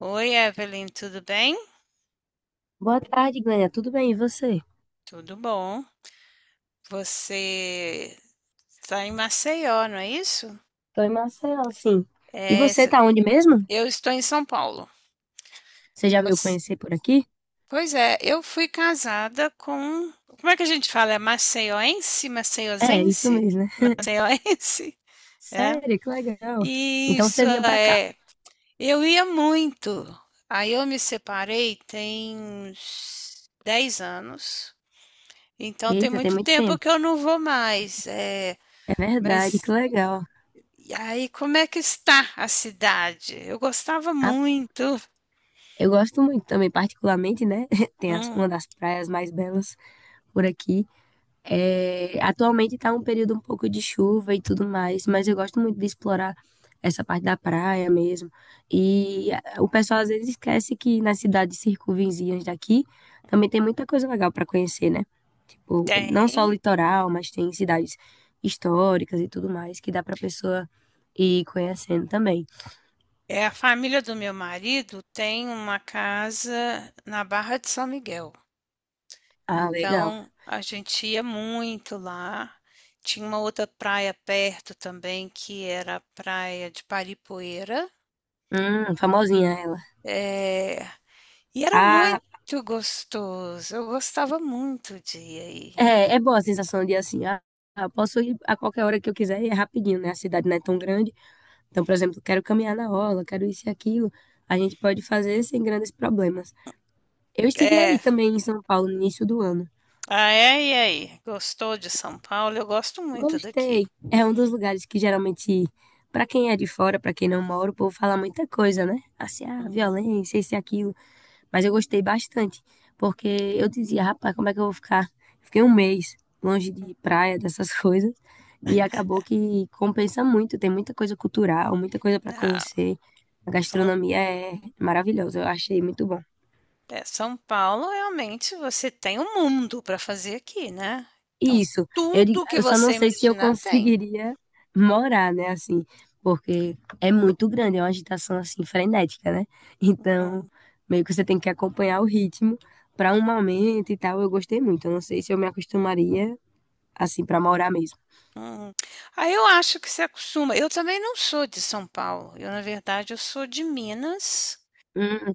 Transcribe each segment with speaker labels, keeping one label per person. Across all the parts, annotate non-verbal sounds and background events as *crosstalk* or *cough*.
Speaker 1: Oi, Evelyn, tudo bem?
Speaker 2: Boa tarde, Glênia. Tudo bem? E você?
Speaker 1: Tudo bom. Você está em Maceió, não é isso?
Speaker 2: Tô em Maceió, sim. E
Speaker 1: É,
Speaker 2: você
Speaker 1: se-
Speaker 2: tá onde mesmo?
Speaker 1: eu estou em São Paulo.
Speaker 2: Você já veio
Speaker 1: Você-
Speaker 2: conhecer por aqui?
Speaker 1: Pois é, eu fui casada com. Como é que a gente fala? É maceioense?
Speaker 2: É, isso
Speaker 1: Maceiosense?
Speaker 2: mesmo, né?
Speaker 1: Maceioense? *laughs* É.
Speaker 2: Sério, que legal. Então
Speaker 1: Isso
Speaker 2: você vinha pra cá.
Speaker 1: é. Eu ia muito. Aí eu me separei tem uns 10 anos. Então tem
Speaker 2: Eita, tem
Speaker 1: muito
Speaker 2: muito
Speaker 1: tempo
Speaker 2: tempo.
Speaker 1: que eu não vou mais.
Speaker 2: É verdade, que
Speaker 1: Mas
Speaker 2: legal.
Speaker 1: E aí, como é que está a cidade? Eu gostava
Speaker 2: Ah,
Speaker 1: muito.
Speaker 2: eu gosto muito também, particularmente, né? *laughs* Tem
Speaker 1: Hum.
Speaker 2: uma das praias mais belas por aqui. É, atualmente tá um período um pouco de chuva e tudo mais, mas eu gosto muito de explorar essa parte da praia mesmo. E o pessoal às vezes esquece que nas cidades circunvizinhas daqui também tem muita coisa legal para conhecer, né? Tipo, não só o
Speaker 1: Tem.
Speaker 2: litoral, mas tem cidades históricas e tudo mais que dá pra pessoa ir conhecendo também.
Speaker 1: É, a família do meu marido tem uma casa na Barra de São Miguel.
Speaker 2: Ah, legal.
Speaker 1: Então, a gente ia muito lá. Tinha uma outra praia perto também, que era a praia de Paripoeira.
Speaker 2: Famosinha ela.
Speaker 1: É, e era
Speaker 2: Ah,
Speaker 1: muito gostoso. Eu gostava muito de ir aí.
Speaker 2: é, é boa a sensação de assim, posso ir a qualquer hora que eu quiser e é rapidinho, né? A cidade não é tão grande. Então, por exemplo, quero caminhar na orla, quero isso e aquilo. A gente pode fazer sem grandes problemas. Eu estive aí
Speaker 1: É.
Speaker 2: também em São Paulo no início do ano.
Speaker 1: Ah, é? E aí? Gostou de São Paulo? Eu gosto muito
Speaker 2: Gostei.
Speaker 1: daqui.
Speaker 2: É um dos lugares que geralmente, para quem é de fora, para quem não mora, o povo fala muita coisa, né? Assim, ah,
Speaker 1: Hum.
Speaker 2: violência, isso e aquilo. Mas eu gostei bastante, porque eu dizia, rapaz, como é que eu vou ficar? Fiquei um mês longe de praia, dessas *laughs* coisas, e acabou que compensa muito, tem muita coisa cultural, muita coisa para
Speaker 1: Ah,
Speaker 2: conhecer. A
Speaker 1: São,
Speaker 2: gastronomia é maravilhosa, eu achei muito bom.
Speaker 1: São Paulo, realmente, você tem um mundo para fazer aqui, né? Então,
Speaker 2: Isso,
Speaker 1: tudo que
Speaker 2: eu só não
Speaker 1: você
Speaker 2: sei se eu
Speaker 1: imaginar tem.
Speaker 2: conseguiria morar, né, assim, porque é muito grande, é uma agitação, assim, frenética, né? Então, meio que você tem que acompanhar o ritmo para um momento e tal. Eu gostei muito, eu não sei se eu me acostumaria, assim, para morar mesmo.
Speaker 1: Hum. Aí eu acho que se acostuma. Eu também não sou de São Paulo. Eu, na verdade, eu sou de Minas,
Speaker 2: Hum.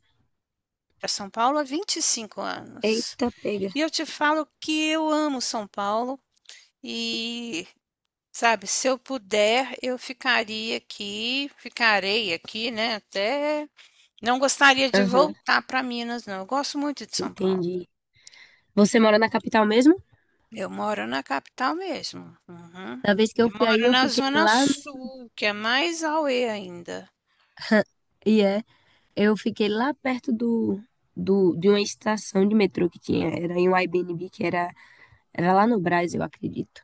Speaker 1: para São Paulo há 25 anos.
Speaker 2: Eita, pega.
Speaker 1: E eu te falo que eu amo São Paulo e sabe, se eu puder, eu ficaria aqui, ficarei aqui, né, até não gostaria de
Speaker 2: Aham,
Speaker 1: voltar para Minas não, eu gosto muito de São Paulo.
Speaker 2: entendi. Você mora na capital mesmo?
Speaker 1: Eu moro na capital mesmo. Uhum.
Speaker 2: Da vez que eu
Speaker 1: Eu
Speaker 2: fui aí,
Speaker 1: moro
Speaker 2: eu
Speaker 1: na
Speaker 2: fiquei
Speaker 1: zona
Speaker 2: lá,
Speaker 1: sul, que é mais auê ainda.
Speaker 2: e é, eu fiquei lá perto de uma estação de metrô que tinha, era em um Airbnb, que era. Era lá no Brás, eu acredito.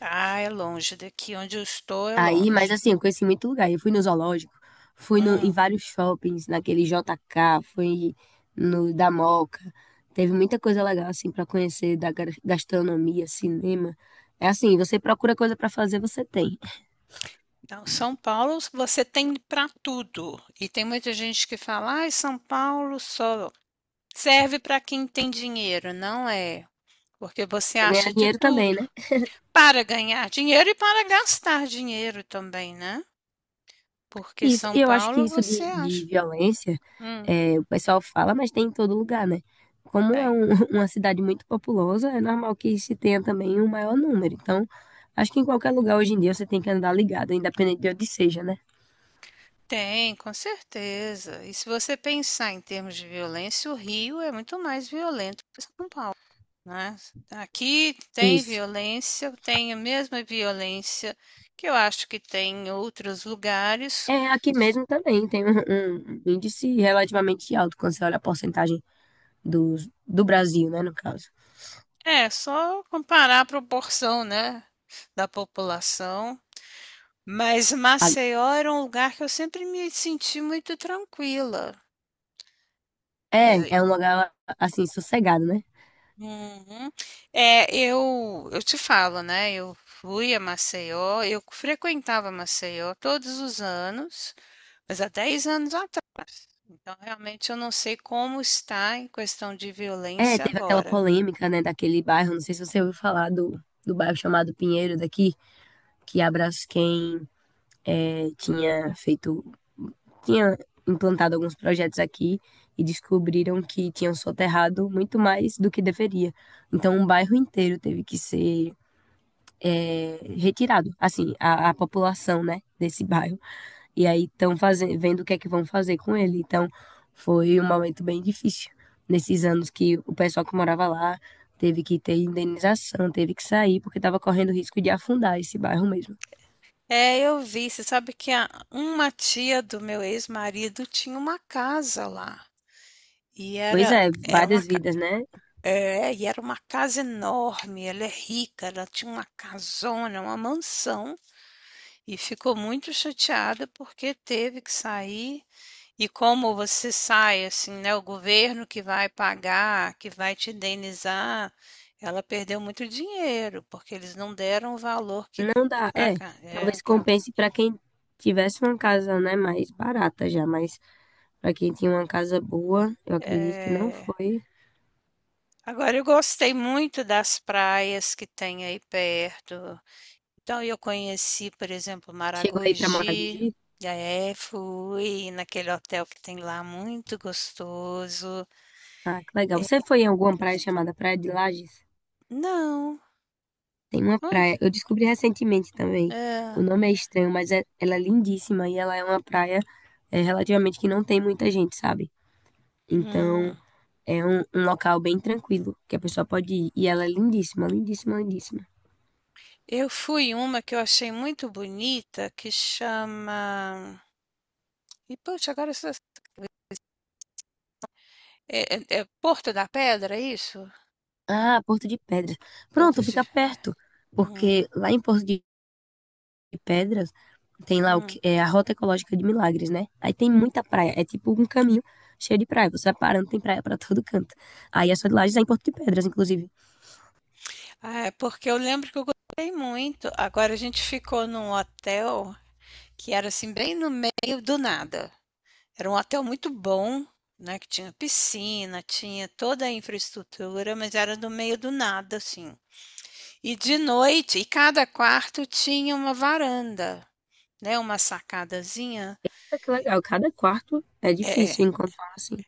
Speaker 1: Ah, é longe daqui onde eu estou, é
Speaker 2: Aí, mas
Speaker 1: longe.
Speaker 2: assim, eu conheci muito lugar. Eu fui no zoológico, fui no, em
Speaker 1: Hum.
Speaker 2: vários shoppings, naquele JK, fui no da Moca. Teve muita coisa legal, assim, pra conhecer da gastronomia, cinema. É assim, você procura coisa pra fazer, você tem.
Speaker 1: Não, São Paulo você tem para tudo, e tem muita gente que fala: "Ai, São Paulo só serve para quem tem dinheiro", não é. Porque você
Speaker 2: Pra
Speaker 1: acha
Speaker 2: ganhar
Speaker 1: de
Speaker 2: dinheiro também,
Speaker 1: tudo,
Speaker 2: né?
Speaker 1: para ganhar dinheiro e para gastar dinheiro também, né? Porque
Speaker 2: Isso,
Speaker 1: São
Speaker 2: e eu acho que
Speaker 1: Paulo
Speaker 2: isso
Speaker 1: você
Speaker 2: de
Speaker 1: acha.
Speaker 2: violência,
Speaker 1: Hum.
Speaker 2: é, o pessoal fala, mas tem em todo lugar, né? Como é
Speaker 1: Tem.
Speaker 2: *laughs* uma cidade muito populosa, é normal que se tenha também um maior número. Então, acho que em qualquer lugar hoje em dia você tem que andar ligado, independente de onde seja, né?
Speaker 1: Tem, com certeza. E se você pensar em termos de violência, o Rio é muito mais violento, né? Aqui tem
Speaker 2: Isso.
Speaker 1: violência, tem a mesma violência que eu acho que tem em outros lugares.
Speaker 2: É, aqui mesmo também tem um índice relativamente alto quando você olha a porcentagem do Brasil, né, no caso.
Speaker 1: É só comparar a proporção, né, da população. Mas
Speaker 2: A-
Speaker 1: Maceió era um lugar que eu sempre me senti muito tranquila.
Speaker 2: É,
Speaker 1: Eh
Speaker 2: é um lugar, assim, sossegado, né?
Speaker 1: uhum. É, eu te falo, né, eu fui a Maceió, eu frequentava Maceió todos os anos, mas há 10 anos atrás, então realmente eu não sei como está em questão de
Speaker 2: É,
Speaker 1: violência
Speaker 2: teve aquela
Speaker 1: agora.
Speaker 2: polêmica, né, daquele bairro, não sei se você ouviu falar do bairro chamado Pinheiro daqui, que a Braskem é, tinha feito, tinha implantado alguns projetos aqui e descobriram que tinham soterrado muito mais do que deveria. Então, um bairro inteiro teve que ser é, retirado, assim, a população, né, desse bairro e aí estão fazendo, vendo o que é que vão fazer com ele. Então, foi um momento bem difícil nesses anos que o pessoal que morava lá teve que ter indenização, teve que sair porque estava correndo risco de afundar esse bairro mesmo.
Speaker 1: É, eu vi, você sabe que a uma tia do meu ex-marido tinha uma casa lá, e
Speaker 2: Pois
Speaker 1: era
Speaker 2: é,
Speaker 1: era uma
Speaker 2: várias vidas, né?
Speaker 1: É, e era uma casa enorme, ela é rica, ela tinha uma casona, uma mansão, e ficou muito chateada porque teve que sair. E como você sai, assim, né? O governo que vai pagar, que vai te indenizar, ela perdeu muito dinheiro, porque eles não deram o valor que.
Speaker 2: Não dá,
Speaker 1: Ah,
Speaker 2: é,
Speaker 1: ca- é,
Speaker 2: talvez
Speaker 1: que ela-
Speaker 2: compense para quem tivesse uma casa, né, mais barata já, mas para quem tinha uma casa boa, eu acredito que não
Speaker 1: é.
Speaker 2: foi.
Speaker 1: Agora, eu gostei muito das praias que tem aí perto. Então, eu conheci, por exemplo,
Speaker 2: Chegou aí para
Speaker 1: Maragogi,
Speaker 2: Maragogi?
Speaker 1: e aí fui naquele hotel que tem lá, muito gostoso.
Speaker 2: Ah, que legal. Você foi em alguma praia chamada Praia de Lages?
Speaker 1: Não,
Speaker 2: Tem uma
Speaker 1: onde?
Speaker 2: praia. Eu descobri recentemente também. O
Speaker 1: É.
Speaker 2: nome é estranho, mas ela é lindíssima e ela é uma praia é, relativamente que não tem muita gente, sabe? Então
Speaker 1: hum,
Speaker 2: é um local bem tranquilo que a pessoa pode ir. E ela é lindíssima, lindíssima, lindíssima.
Speaker 1: Eu fui em uma que eu achei muito bonita, que chama... E, poxa, agora... essa- É, é Porto da Pedra, é isso?
Speaker 2: Ah, Porto de Pedras.
Speaker 1: Porto
Speaker 2: Pronto,
Speaker 1: de...
Speaker 2: fica perto.
Speaker 1: Hum,
Speaker 2: Porque lá em Porto de Pedras tem lá o
Speaker 1: hum.
Speaker 2: que é a Rota Ecológica de Milagres, né? Aí tem muita praia. É tipo um caminho cheio de praia. Você vai parando, tem praia pra todo canto. Aí a sua de Lages é em Porto de Pedras, inclusive.
Speaker 1: Ah, é porque eu lembro que eu gostei muito. Agora, a gente ficou num hotel que era assim, bem no meio do nada. Era um hotel muito bom, né, que tinha piscina, tinha toda a infraestrutura, mas era no meio do nada, assim. E de noite, e cada quarto tinha uma varanda, né, uma sacadazinha.
Speaker 2: Ah, que legal, cada quarto é
Speaker 1: É. É.
Speaker 2: difícil encontrar assim.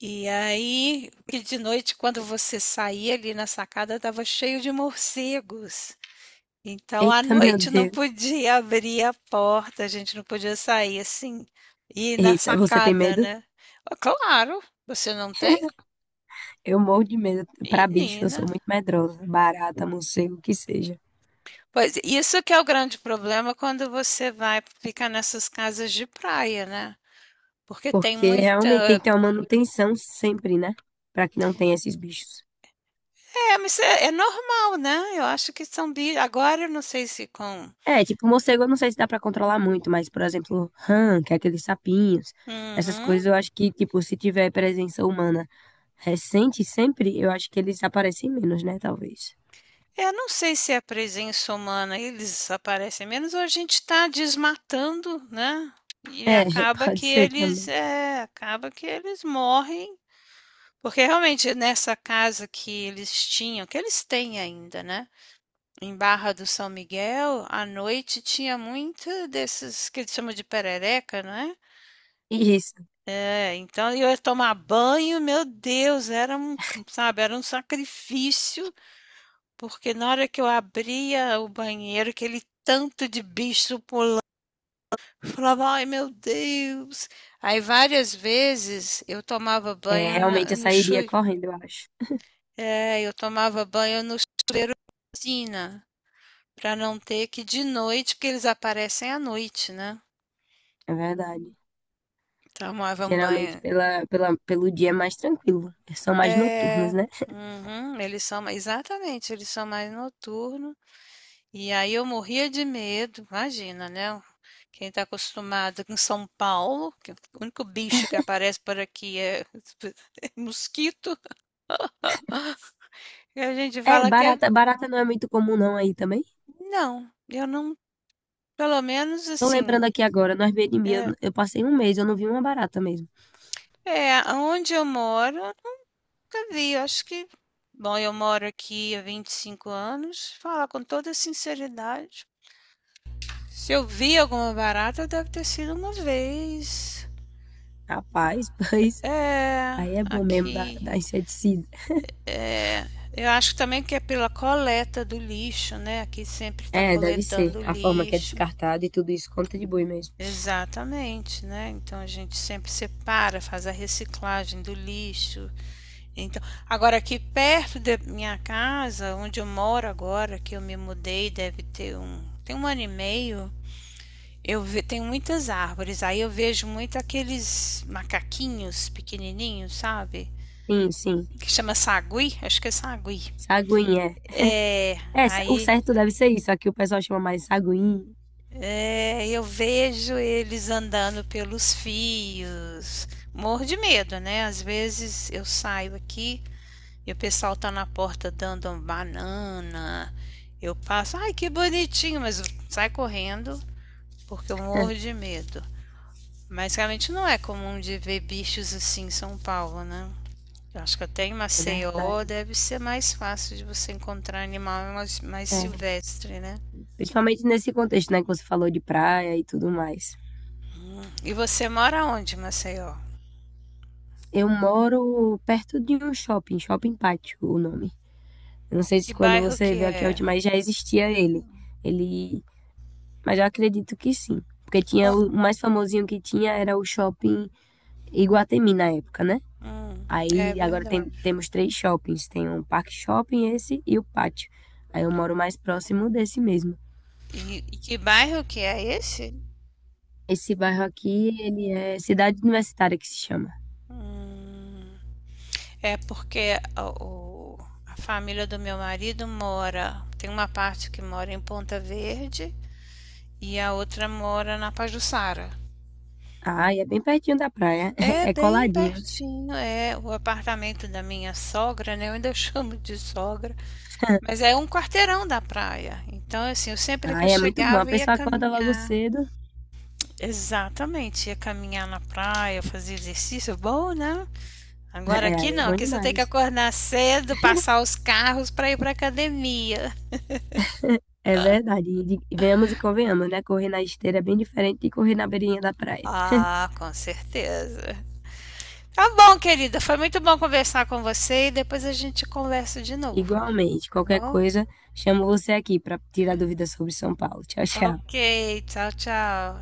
Speaker 1: E aí, e de noite, quando você saía ali na sacada, estava cheio de morcegos. Então, à
Speaker 2: Eita, meu
Speaker 1: noite não
Speaker 2: Deus.
Speaker 1: podia abrir a porta, a gente não podia sair assim, ir na
Speaker 2: Eita, você tem
Speaker 1: sacada,
Speaker 2: medo?
Speaker 1: né? Claro, você não tem?
Speaker 2: *laughs* Eu morro de medo. Pra bicho, eu
Speaker 1: Menina.
Speaker 2: sou muito medrosa. Barata, morcego, o que seja.
Speaker 1: Pois, isso que é o grande problema quando você vai ficar nessas casas de praia, né. Porque tem
Speaker 2: Porque
Speaker 1: muita
Speaker 2: realmente tem que ter uma manutenção sempre, né? Pra que não tenha esses bichos.
Speaker 1: mas é normal, né, eu acho que são bi agora eu não sei se com
Speaker 2: É, tipo, morcego eu não sei se dá pra controlar muito, mas, por exemplo, rã, que é aqueles sapinhos, essas
Speaker 1: uhum.
Speaker 2: coisas eu acho que, tipo, se tiver presença humana recente sempre, eu acho que eles aparecem menos, né? Talvez.
Speaker 1: Eu não sei se é a presença humana, eles aparecem menos ou a gente está desmatando, né, e
Speaker 2: É, *laughs*
Speaker 1: acaba
Speaker 2: pode
Speaker 1: que
Speaker 2: ser
Speaker 1: eles
Speaker 2: também.
Speaker 1: acaba que eles morrem, porque realmente nessa casa que eles tinham que eles têm ainda, né. Em Barra do São Miguel, à noite tinha muito desses que eles chamam de perereca, né?
Speaker 2: Isso.
Speaker 1: É, é, então eu ia tomar banho, meu Deus, era um, sabe, era um sacrifício, porque na hora que eu abria o banheiro, aquele tanto de bicho pulando, eu falava, ai meu Deus. Aí várias vezes eu tomava
Speaker 2: É,
Speaker 1: banho
Speaker 2: realmente eu
Speaker 1: no
Speaker 2: sairia
Speaker 1: chui,
Speaker 2: correndo, eu acho.
Speaker 1: é, eu tomava banho no piscina, para não ter que de noite, porque eles aparecem à noite, né?
Speaker 2: É verdade.
Speaker 1: Tomavam
Speaker 2: Geralmente
Speaker 1: banho.
Speaker 2: pelo dia é mais tranquilo. São mais noturnos,
Speaker 1: É,
Speaker 2: né?
Speaker 1: uhum, eles são, exatamente, eles são mais noturnos. E aí eu morria de medo, imagina, né? Quem está acostumado com São Paulo, que o único bicho que aparece por aqui é *laughs* mosquito, e a gente
Speaker 2: É,
Speaker 1: fala que é.
Speaker 2: barata não é muito comum não aí também.
Speaker 1: Não, eu não, pelo menos
Speaker 2: Tô
Speaker 1: assim,
Speaker 2: lembrando aqui agora, no Airbnb
Speaker 1: é,
Speaker 2: eu passei um mês, eu não vi uma barata mesmo.
Speaker 1: onde eu moro, eu nunca vi, eu acho que. Bom, eu moro aqui há 25 anos, falar com toda sinceridade. Se eu vi alguma barata, deve ter sido uma vez.
Speaker 2: Rapaz, *laughs* pois
Speaker 1: É,
Speaker 2: aí é bom mesmo
Speaker 1: aqui.
Speaker 2: da inseticida.
Speaker 1: É, eu acho também que é pela coleta do lixo, né? Aqui sempre está
Speaker 2: É, deve ser.
Speaker 1: coletando
Speaker 2: A forma que é
Speaker 1: lixo.
Speaker 2: descartada e tudo isso contribui mesmo.
Speaker 1: Exatamente, né? Então a gente sempre separa, faz a reciclagem do lixo. Então, agora aqui perto da minha casa, onde eu moro agora, que eu me mudei, deve ter um, tem 1 ano e meio, tenho muitas árvores, aí eu vejo muito aqueles macaquinhos pequenininhos, sabe?
Speaker 2: Sim, sim.
Speaker 1: Que chama sagui, acho que é sagui.
Speaker 2: Saguinha.
Speaker 1: É,
Speaker 2: É, é, o
Speaker 1: aí
Speaker 2: certo deve ser isso. Aqui o pessoal chama mais saguinha.
Speaker 1: é, eu vejo eles andando pelos fios. Morro de medo, né? Às vezes eu saio aqui e o pessoal tá na porta dando uma banana. Eu passo, ai que bonitinho, mas sai correndo porque eu morro
Speaker 2: *laughs*
Speaker 1: de medo. Mas realmente não é comum de ver bichos assim em São Paulo, né? Eu acho que até em
Speaker 2: É
Speaker 1: Maceió
Speaker 2: verdade.
Speaker 1: deve ser mais fácil de você encontrar animal mais, mais
Speaker 2: É
Speaker 1: silvestre, né?
Speaker 2: principalmente nesse contexto, né, que você falou de praia e tudo mais.
Speaker 1: E você mora onde, em Maceió?
Speaker 2: Eu moro perto de um shopping, Shopping Pátio, o nome. Eu não sei se
Speaker 1: Que
Speaker 2: quando
Speaker 1: bairro
Speaker 2: você
Speaker 1: que
Speaker 2: veio aqui a
Speaker 1: é?
Speaker 2: última vez já existia ele. Ele, mas eu acredito que sim, porque tinha
Speaker 1: Co-
Speaker 2: o mais famosinho que tinha era o Shopping Iguatemi na época, né?
Speaker 1: Hum, é
Speaker 2: Aí agora
Speaker 1: verdade.
Speaker 2: temos três shoppings, tem um Parque Shopping, esse e o Pátio. Aí eu moro mais próximo desse mesmo.
Speaker 1: E que bairro que é esse?
Speaker 2: Esse bairro aqui, ele é Cidade Universitária que se chama.
Speaker 1: Hum, é porque a família do meu marido mora, tem uma parte que mora em Ponta Verde e a outra mora na Pajuçara.
Speaker 2: Ai, é bem pertinho da praia. *laughs*
Speaker 1: É
Speaker 2: É
Speaker 1: bem
Speaker 2: coladinho.
Speaker 1: pertinho, é o apartamento da minha sogra, né, eu ainda *laughs* chamo de sogra, mas é um quarteirão da praia. Então, assim, eu sempre que eu
Speaker 2: Ai, é muito bom. A
Speaker 1: chegava ia
Speaker 2: pessoa acorda logo
Speaker 1: caminhar.
Speaker 2: cedo.
Speaker 1: Exatamente, ia caminhar na praia, fazer exercício, bom, né? Agora
Speaker 2: É,
Speaker 1: aqui
Speaker 2: aí é
Speaker 1: não,
Speaker 2: bom
Speaker 1: aqui você tem que
Speaker 2: demais.
Speaker 1: acordar cedo, passar
Speaker 2: *laughs*
Speaker 1: os carros para ir para academia.
Speaker 2: É verdade. E venhamos e convenhamos, né? Correr na esteira é bem diferente de correr na beirinha da praia.
Speaker 1: Ah, com certeza. Tá bom, querida, foi muito bom conversar com você e depois a gente conversa de novo,
Speaker 2: Igualmente,
Speaker 1: tá
Speaker 2: qualquer
Speaker 1: bom?
Speaker 2: coisa, chamo você aqui para tirar dúvidas sobre São Paulo. Tchau, tchau.
Speaker 1: Ok, tchau, tchau.